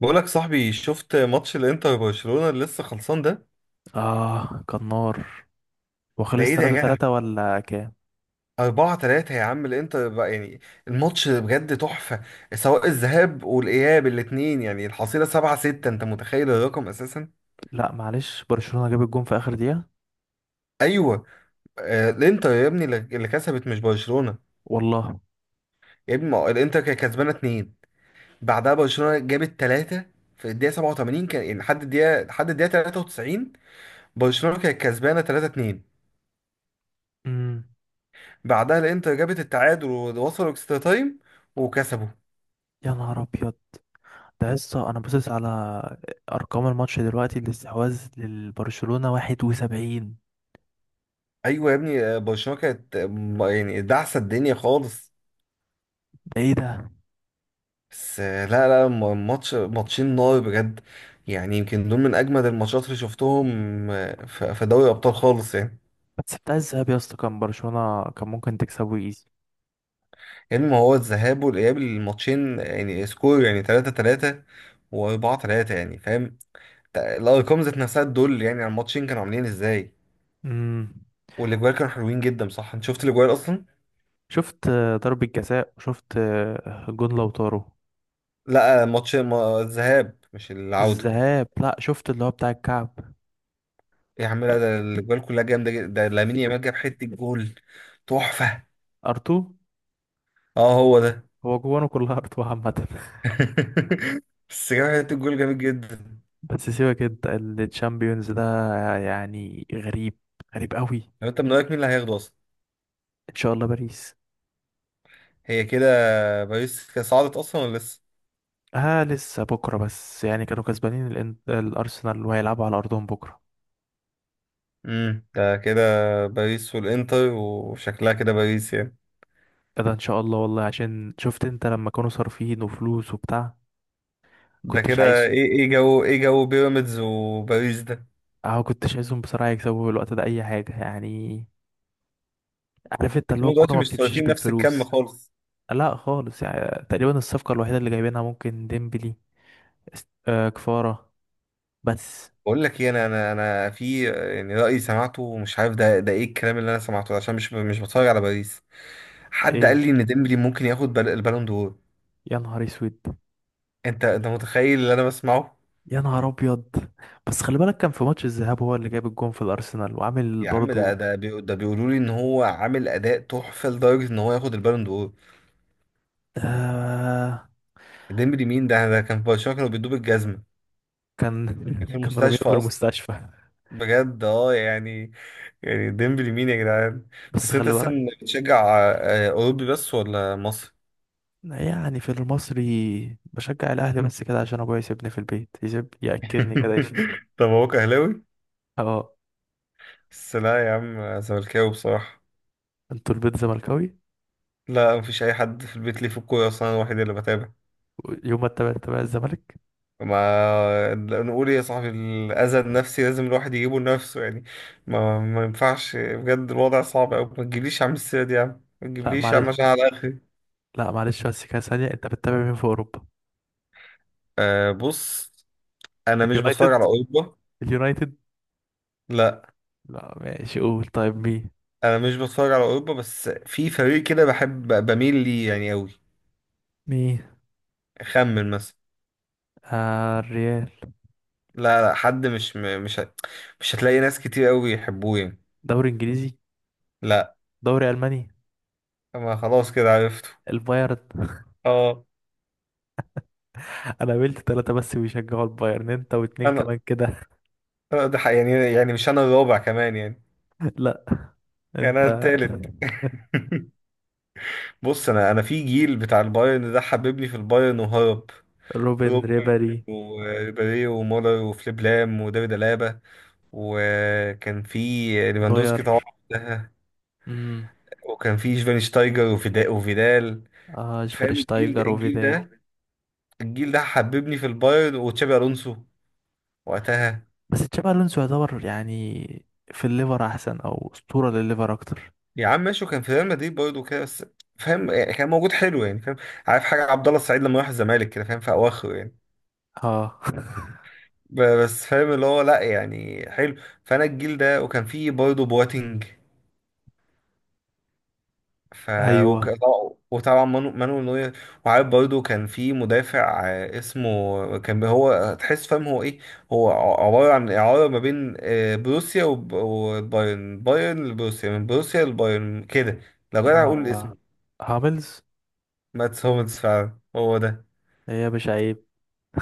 بقولك صاحبي، شفت ماتش الانتر وبرشلونة اللي لسه خلصان ده اه، كان نار. ده وخلص ايه ده يا 3 جدع؟ 3 ولا كام؟ 4-3 يا عم الانتر بقى يعني. الماتش بجد تحفة. سواء الذهاب والاياب الاتنين، يعني الحصيلة 7-6، انت متخيل الرقم اساسا؟ لا معلش، برشلونة جاب الجون في اخر دقيقة. ايوه. آه الانتر يا ابني اللي كسبت مش برشلونة. والله. يا ابني ما هو الانتر كانت كسبانة 2، بعدها برشلونة جابت 3 في الدقيقة 87. كان يعني لحد الدقيقة 93 برشلونة كانت كسبانة 3-2. امم. بعدها الانتر جابت التعادل ووصلوا اكسترا تايم، وكسبوا. يا نهار ابيض. ده لسه انا باصص على ارقام الماتش دلوقتي، الاستحواذ للبرشلونة 71. ايوه يا ابني، برشلونه كانت يعني دعسه الدنيا خالص. ده ايه ده؟ بس آه، لا لا م- ماتش، ماتشين نار بجد. يعني يمكن دول من اجمد الماتشات اللي شفتهم في دوري الابطال خالص يعني. بس بتاع الذهاب يا اسطى، كان برشلونة كان ممكن تكسبه ايزي. يعني ما هو الذهاب والاياب الماتشين يعني سكور يعني 3-3 و4 3 يعني، فاهم؟ الارقام ذات نفسها دول، يعني على الماتشين كانوا عاملين ازاي. امم. والاجوال كانوا حلوين جدا، صح؟ انت شفت الاجوال اصلا؟ شفت ضربة جزاء، وشفت جون لوتارو. لا، ماتش الذهاب مش العودة. الذهاب، لا شفت اللي هو بتاع الكعب. إيه يا عم، لا ده الأجوال كلها جامدة جدا. ده لامين يامال جاب حتة جول تحفة. ارتو. اه هو ده. هو جوانه كلها ارتو عامة. بس جاب حتة جول جامد جدا. بس سيبك انت. الشامبيونز ده يعني غريب. غريب قوي. لو انت، من رأيك مين اللي هياخده أصلا؟ ان شاء الله باريس. هي كده. باريس كده صعدت أصلا ولا لسه؟ اه لسه بكره، بس يعني كانوا كسبانين الارسنال، وهيلعبوا على ارضهم بكره. امم، ده كده. باريس والإنتر، وشكلها كده باريس يعني. كده ان شاء الله، والله عشان شفت انت لما كانوا صارفين وفلوس وبتاع. ده كنتش كده عايز. ايه، ايه جو، ايه جو بيراميدز وباريس ده؟ اه، كنتش عايزهم بصراحه يكسبوا في الوقت ده اي حاجه يعني. عارف انت اللي هو هما الكوره دلوقتي ما مش بتمشيش صارفين نفس الكم بالفلوس. خالص. لا خالص، يعني تقريبا الصفقه الوحيده اللي جايبينها ممكن ديمبلي. كفاره. بس. بقول لك ايه، انا في يعني رايي سمعته، مش عارف ده ايه الكلام اللي انا سمعته ده، عشان مش بتفرج على باريس. حد قال ايه. لي ان ديمبلي ممكن ياخد البالون دور. يا نهار اسود. انت متخيل اللي انا بسمعه؟ يا نهار ابيض. بس خلي بالك، كان في ماتش الذهاب هو اللي جاب الجون في الارسنال وعامل يا عم ده برضو. ده بي- ده بيقولوا لي ان هو عامل اداء تحفه لدرجه ان هو ياخد البالون دور. آه. ديمبلي مين؟ ده كان في برشلونه كانوا بيدوب الجزمه، كان. كان في كانوا رامينه المستشفى في اصلا. المستشفى. بجد اه يعني. يعني ديمبلي مين يا جدعان؟ بس بس انت خلي اصلا بالك. بتشجع اوروبي بس، ولا مصر؟ يعني في المصري بشجع الاهلي، بس كده عشان ابويا يسيبني في البيت، يسيب ياكلني كده يشيل. طب هو اهلاوي. اه. بس لا يا عم، زملكاوي بصراحة. انتوا البيت زملكاوي. لا مفيش أي حد في البيت ليه في الكورة أصلا، أنا الوحيد اللي بتابع. يوم ما تتابع تتابع الزمالك. ما نقول إيه يا صاحبي، الأذى النفسي لازم الواحد يجيبه لنفسه يعني. ما ينفعش بجد، الوضع صعب أوي. ما تجيبليش يا عم السيرة دي، يا عم ما لا تجيبليش يا معلش. عم عشان على آخري. لا معلش، بس كده ثانيه، انت بتتابع مين في اوروبا؟ أه بص، أنا مش بتفرج اليونايتد. على أوروبا. اليونايتد. لا، لا ماشي، قول طيب مين. أنا مش بتفرج على أوروبا، بس في فريق كده بحب، بميل ليه يعني أوي. مين؟ أخمن مثلا. آه الريال. لا لا، حد مش م- مش هت- مش هتلاقي ناس كتير أوي يحبوه يعني. دوري انجليزي. لا. دوري الماني. ما خلاص كده عرفته. البايرن. اه. انا قابلت ثلاثة بس بيشجعوا البايرن، انت واتنين انا، كمان كده. أنا يعني يعني مش انا الرابع كمان يعني؟ لا. يعني انا انت. التالت. بص، انا في جيل بتاع البايرن ده حببني في البايرن وهرب. روبن روبن ريبري. وريبيري ومولر وفليب لام وديفيد الابا، وكان في نوير. ليفاندوسكي طبعا وقتها، امم. وكان في شفاينشتايجر وفيدا وفيدال. آه فاهم الجيل ده شفرشتايجر الجيل وفيدال. ده؟ الجيل ده حببني في البايرن، وتشابي الونسو وقتها. بس تشابي الونسو يعتبر يعني في الليفر احسن، او اسطورة للليفر اكتر. يا عم ماشي، وكان في ريال مدريد برضه كده بس. فاهم يعني، كان موجود حلو يعني، فاهم. عارف حاجه، عبد الله السعيد لما راح الزمالك كده، فاهم في اواخره يعني. اه. بس فاهم اللي هو، لا يعني حلو. فانا الجيل ده، وكان فيه برضه بواتينج، ف ايوه. وك- وطبعا مانويل نوير. وعارف برضه كان في مدافع اسمه، كان هو تحس فاهم هو ايه، هو عباره عن اعاره ما بين بروسيا والبايرن، بايرن لبروسيا، من بروسيا لبايرن كده. لو جدع اقول آه. اسمه. هاملز. ماتس هوملز، فعلا هو ده. هي يا باشا عيب.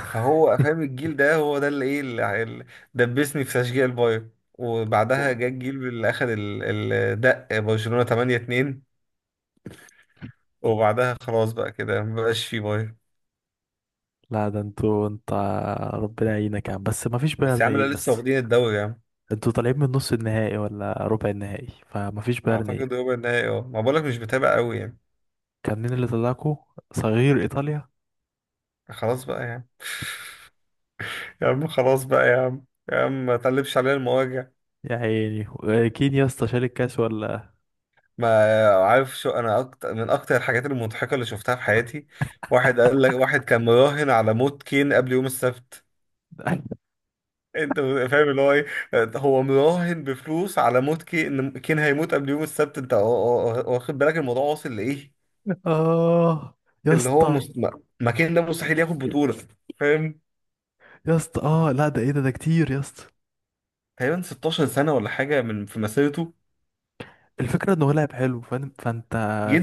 فهو فاهم الجيل ده، هو ده اللي ايه اللي دبسني في تشجيع البايرن. وبعدها جه الجيل اللي اخد الدق، برشلونة 8-2. وبعدها خلاص بقى كده، مبقاش فيه بايرن. لا ده انتوا انت. ربنا يعينك يا عم، بس ما فيش بس يا بايرن عم لا، ايه لسه يس. واخدين الدوري يا عم. انتوا طالعين من نص النهائي ولا ربع النهائي؟ فمفيش بيرني. اعتقد ربع النهائي، اه ما بقولك مش بتابع قوي يعني. كان مين اللي طلعكوا؟ صغير ايطاليا. خلاص بقى يا عم. يا عم خلاص بقى يا عم، يا عم ما تقلبش علينا المواجع. يا عيني كين يا اسطى، شال الكاس ولا؟ ما عارف شو انا اكتر، من اكتر الحاجات المضحكه اللي شفتها في حياتي، واحد قال لك واحد كان مراهن على موت كين قبل يوم السبت. انت فاهم اللي هو ايه؟ هو مراهن بفلوس على موت كي ان كين، هيموت قبل يوم السبت. انت واخد بالك الموضوع واصل لايه؟ اه يا اللي هو اسطى. ما كين ده مستحيل ياخد بطولة، فاهم. يا اسطى اه، لا ده ايه ده كتير يا اسطى. تقريبا 16 سنة ولا حاجة من في مسيرته، الفكره انه لعب حلو، فانت.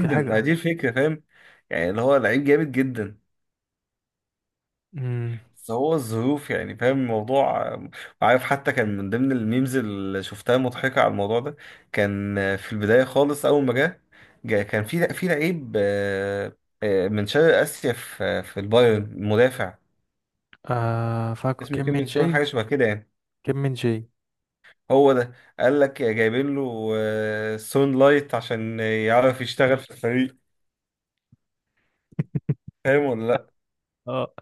في ما حاجه. دي الفكرة فاهم، يعني اللي هو لعيب جامد جدا، امم. بس هو الظروف يعني، فاهم الموضوع. عارف حتى كان من ضمن الميمز اللي شفتها مضحكة على الموضوع ده. كان في البداية خالص أول ما جه، كان في لعيب من شرق آسيا في البايرن، مدافع، آه فاكو، اسمه كيم كيم من من سون جاي. حاجة شبه كده يعني. كيم من جاي. هو ده. قال لك جايبين له سون لايت عشان يعرف يشتغل في الفريق، فاهم ولا لأ؟ اه.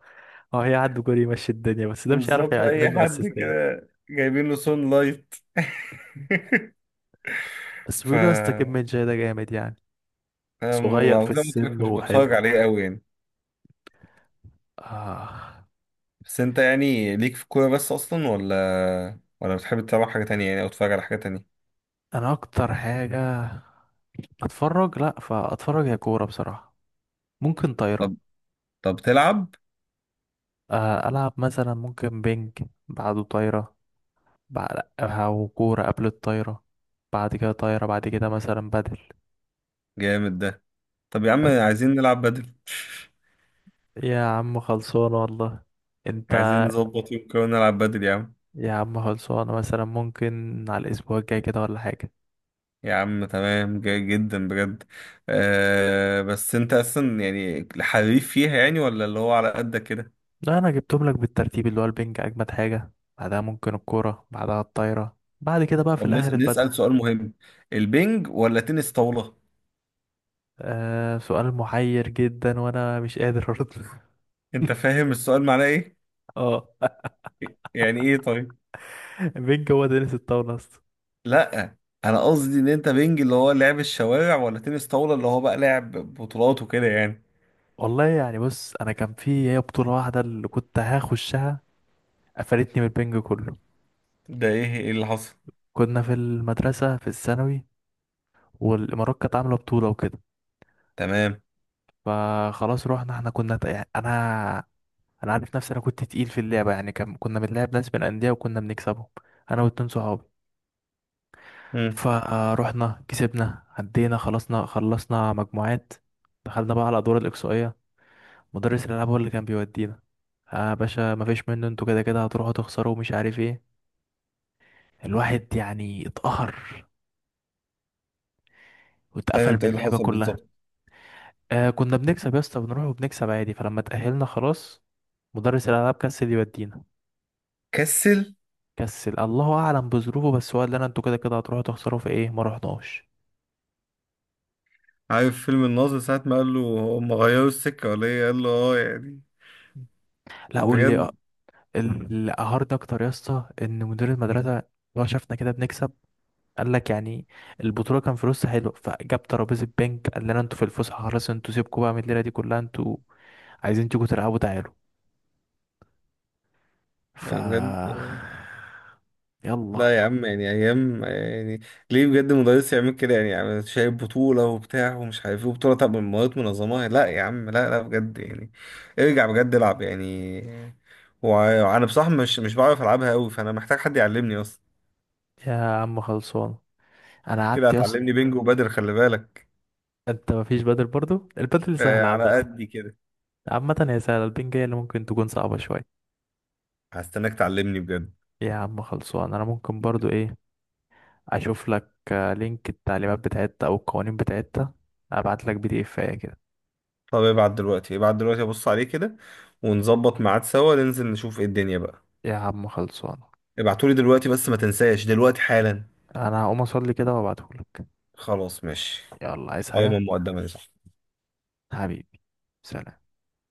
اه هي عنده جول يمشي الدنيا، بس ده مش عارف بالظبط أي يعمل له حد اسيستات. كده جايبين له سون لايت. بس ف، بيقولوا يا اسطى، كيم من جاي ده جامد يعني. انا صغير في زي ما قلت لك السن مش بتفرج وحلو. عليه قوي يعني. آه. بس انت يعني، ليك في الكوره بس اصلا، ولا بتحب تتابع حاجه تانية يعني، او تتفرج على حاجه تانية؟ انا اكتر حاجه اتفرج، لا فاتفرج يا كوره بصراحه. ممكن طايره. طب طب تلعب. العب مثلا ممكن بينج. بعده طايره. بعد او كوره قبل الطايره. بعد كده طايره، بعد كده مثلا بدل. جامد ده. طب يا عم بس. عايزين نلعب بدل. يا عم خلصانه والله. انت. عايزين نظبط يوم كده ونلعب بدل يا عم. يا عم خلصانه، مثلا ممكن على الاسبوع الجاي كده ولا حاجه. يا عم تمام، جاي جدا بجد. آه بس انت اصلا يعني حريف فيها يعني، ولا اللي هو على قدك كده؟ لا انا جبتهم لك بالترتيب، اللي هو البينج اجمد حاجه. بعدها ممكن الكوره، بعدها الطايره، بعد كده بقى في طب الاخر البدل. نسأل سؤال مهم. البنج ولا تنس طاولة؟ آه سؤال محير جدا، وانا مش قادر ارد. انت فاهم السؤال معناه ايه؟ اه. يعني ايه طيب؟ مين جوه دينيس الطاولة اصلا؟ لا انا قصدي ان انت، بينج اللي هو لعب الشوارع، ولا تنس طاولة اللي هو بقى لعب بطولات وكده يعني. والله يعني، بص انا كان في هي بطولة واحدة اللي كنت هخشها. قفلتني من البنج كله. ده ايه، ايه اللي حصل؟ كنا في المدرسة في الثانوي، والامارات كانت عاملة بطولة وكده. تمام. فخلاص رحنا، احنا كنا يعني انا عارف نفسي، انا كنت تقيل في اللعبة يعني. كان كنا بنلعب ناس من الاندية وكنا بنكسبهم. انا واتنين صحابي. امم. فروحنا كسبنا عدينا خلصنا، خلصنا مجموعات. دخلنا بقى على الادوار الاقصائية. مدرس الالعاب هو اللي كان بيودينا. اه يا باشا، مفيش منه، انتوا كده كده هتروحوا تخسروا ومش عارف ايه. الواحد يعني اتقهر، ثاني، واتقفل من انت ايه اللي اللعبه حصل كلها. بالظبط؟ آه كنا بنكسب يا اسطى، بنروح وبنكسب عادي، فلما اتأهلنا خلاص مدرس الالعاب كسل يودينا. كسل. كسل. الله اعلم بظروفه، بس هو قال لنا انتوا كده كده هتروحوا تخسروا في ايه، ما رحناش. عارف فيلم الناظر ساعة ما قال له، هم غيروا السكة ولا ايه، قال له اه يعني. لا، قول لي بجد. اللي قهرني اكتر يا اسطى، ان مدير المدرسه هو شافنا كده بنكسب، قال لك يعني البطوله كان فلوسها حلو، فجاب ترابيزه بنك قال لنا انتوا في الفسحه خلاص، انتوا سيبكوا بقى من الليله دي كلها، انتوا عايزين تيجوا تلعبوا تعالوا. ف. بجد. يلا. لا يا عم يعني ايام يعني، ليه بجد مدرس يعمل كده يعني، يعني شايف بطولة وبتاع ومش عارف ايه وبطولة، طب من مواد منظمة، لا يا عم لا لا بجد يعني. ارجع بجد، العب يعني. وانا بصراحة مش بعرف العبها قوي، فانا محتاج حد يعلمني اصلا. يا عم خلصان. انا كده قعدت يا اسطى. هتعلمني بينج وبدر، خلي بالك. انت مفيش بدل برضو، البدل سهل آه عامه. على قدي كده. عامه هي سهله، البنج هي اللي ممكن تكون صعبه شويه. هستناك تعلمني بجد. يا عم خلصان، انا ممكن برضو ايه، اشوف لك لينك التعليمات بتاعتها او القوانين بتاعتها. ابعت لك PDF كده. طب ابعت دلوقتي، ابعت دلوقتي ابص عليه كده، ونظبط ميعاد سوا ننزل نشوف ايه الدنيا بقى. يا عم خلصان، ابعتولي دلوقتي بس ما تنساش دلوقتي حالا. انا هقوم اصلي كده وابعتهولك. خلاص ماشي. يلا، عايز قائمة حاجة؟ مقدمة. حبيبي. سلام.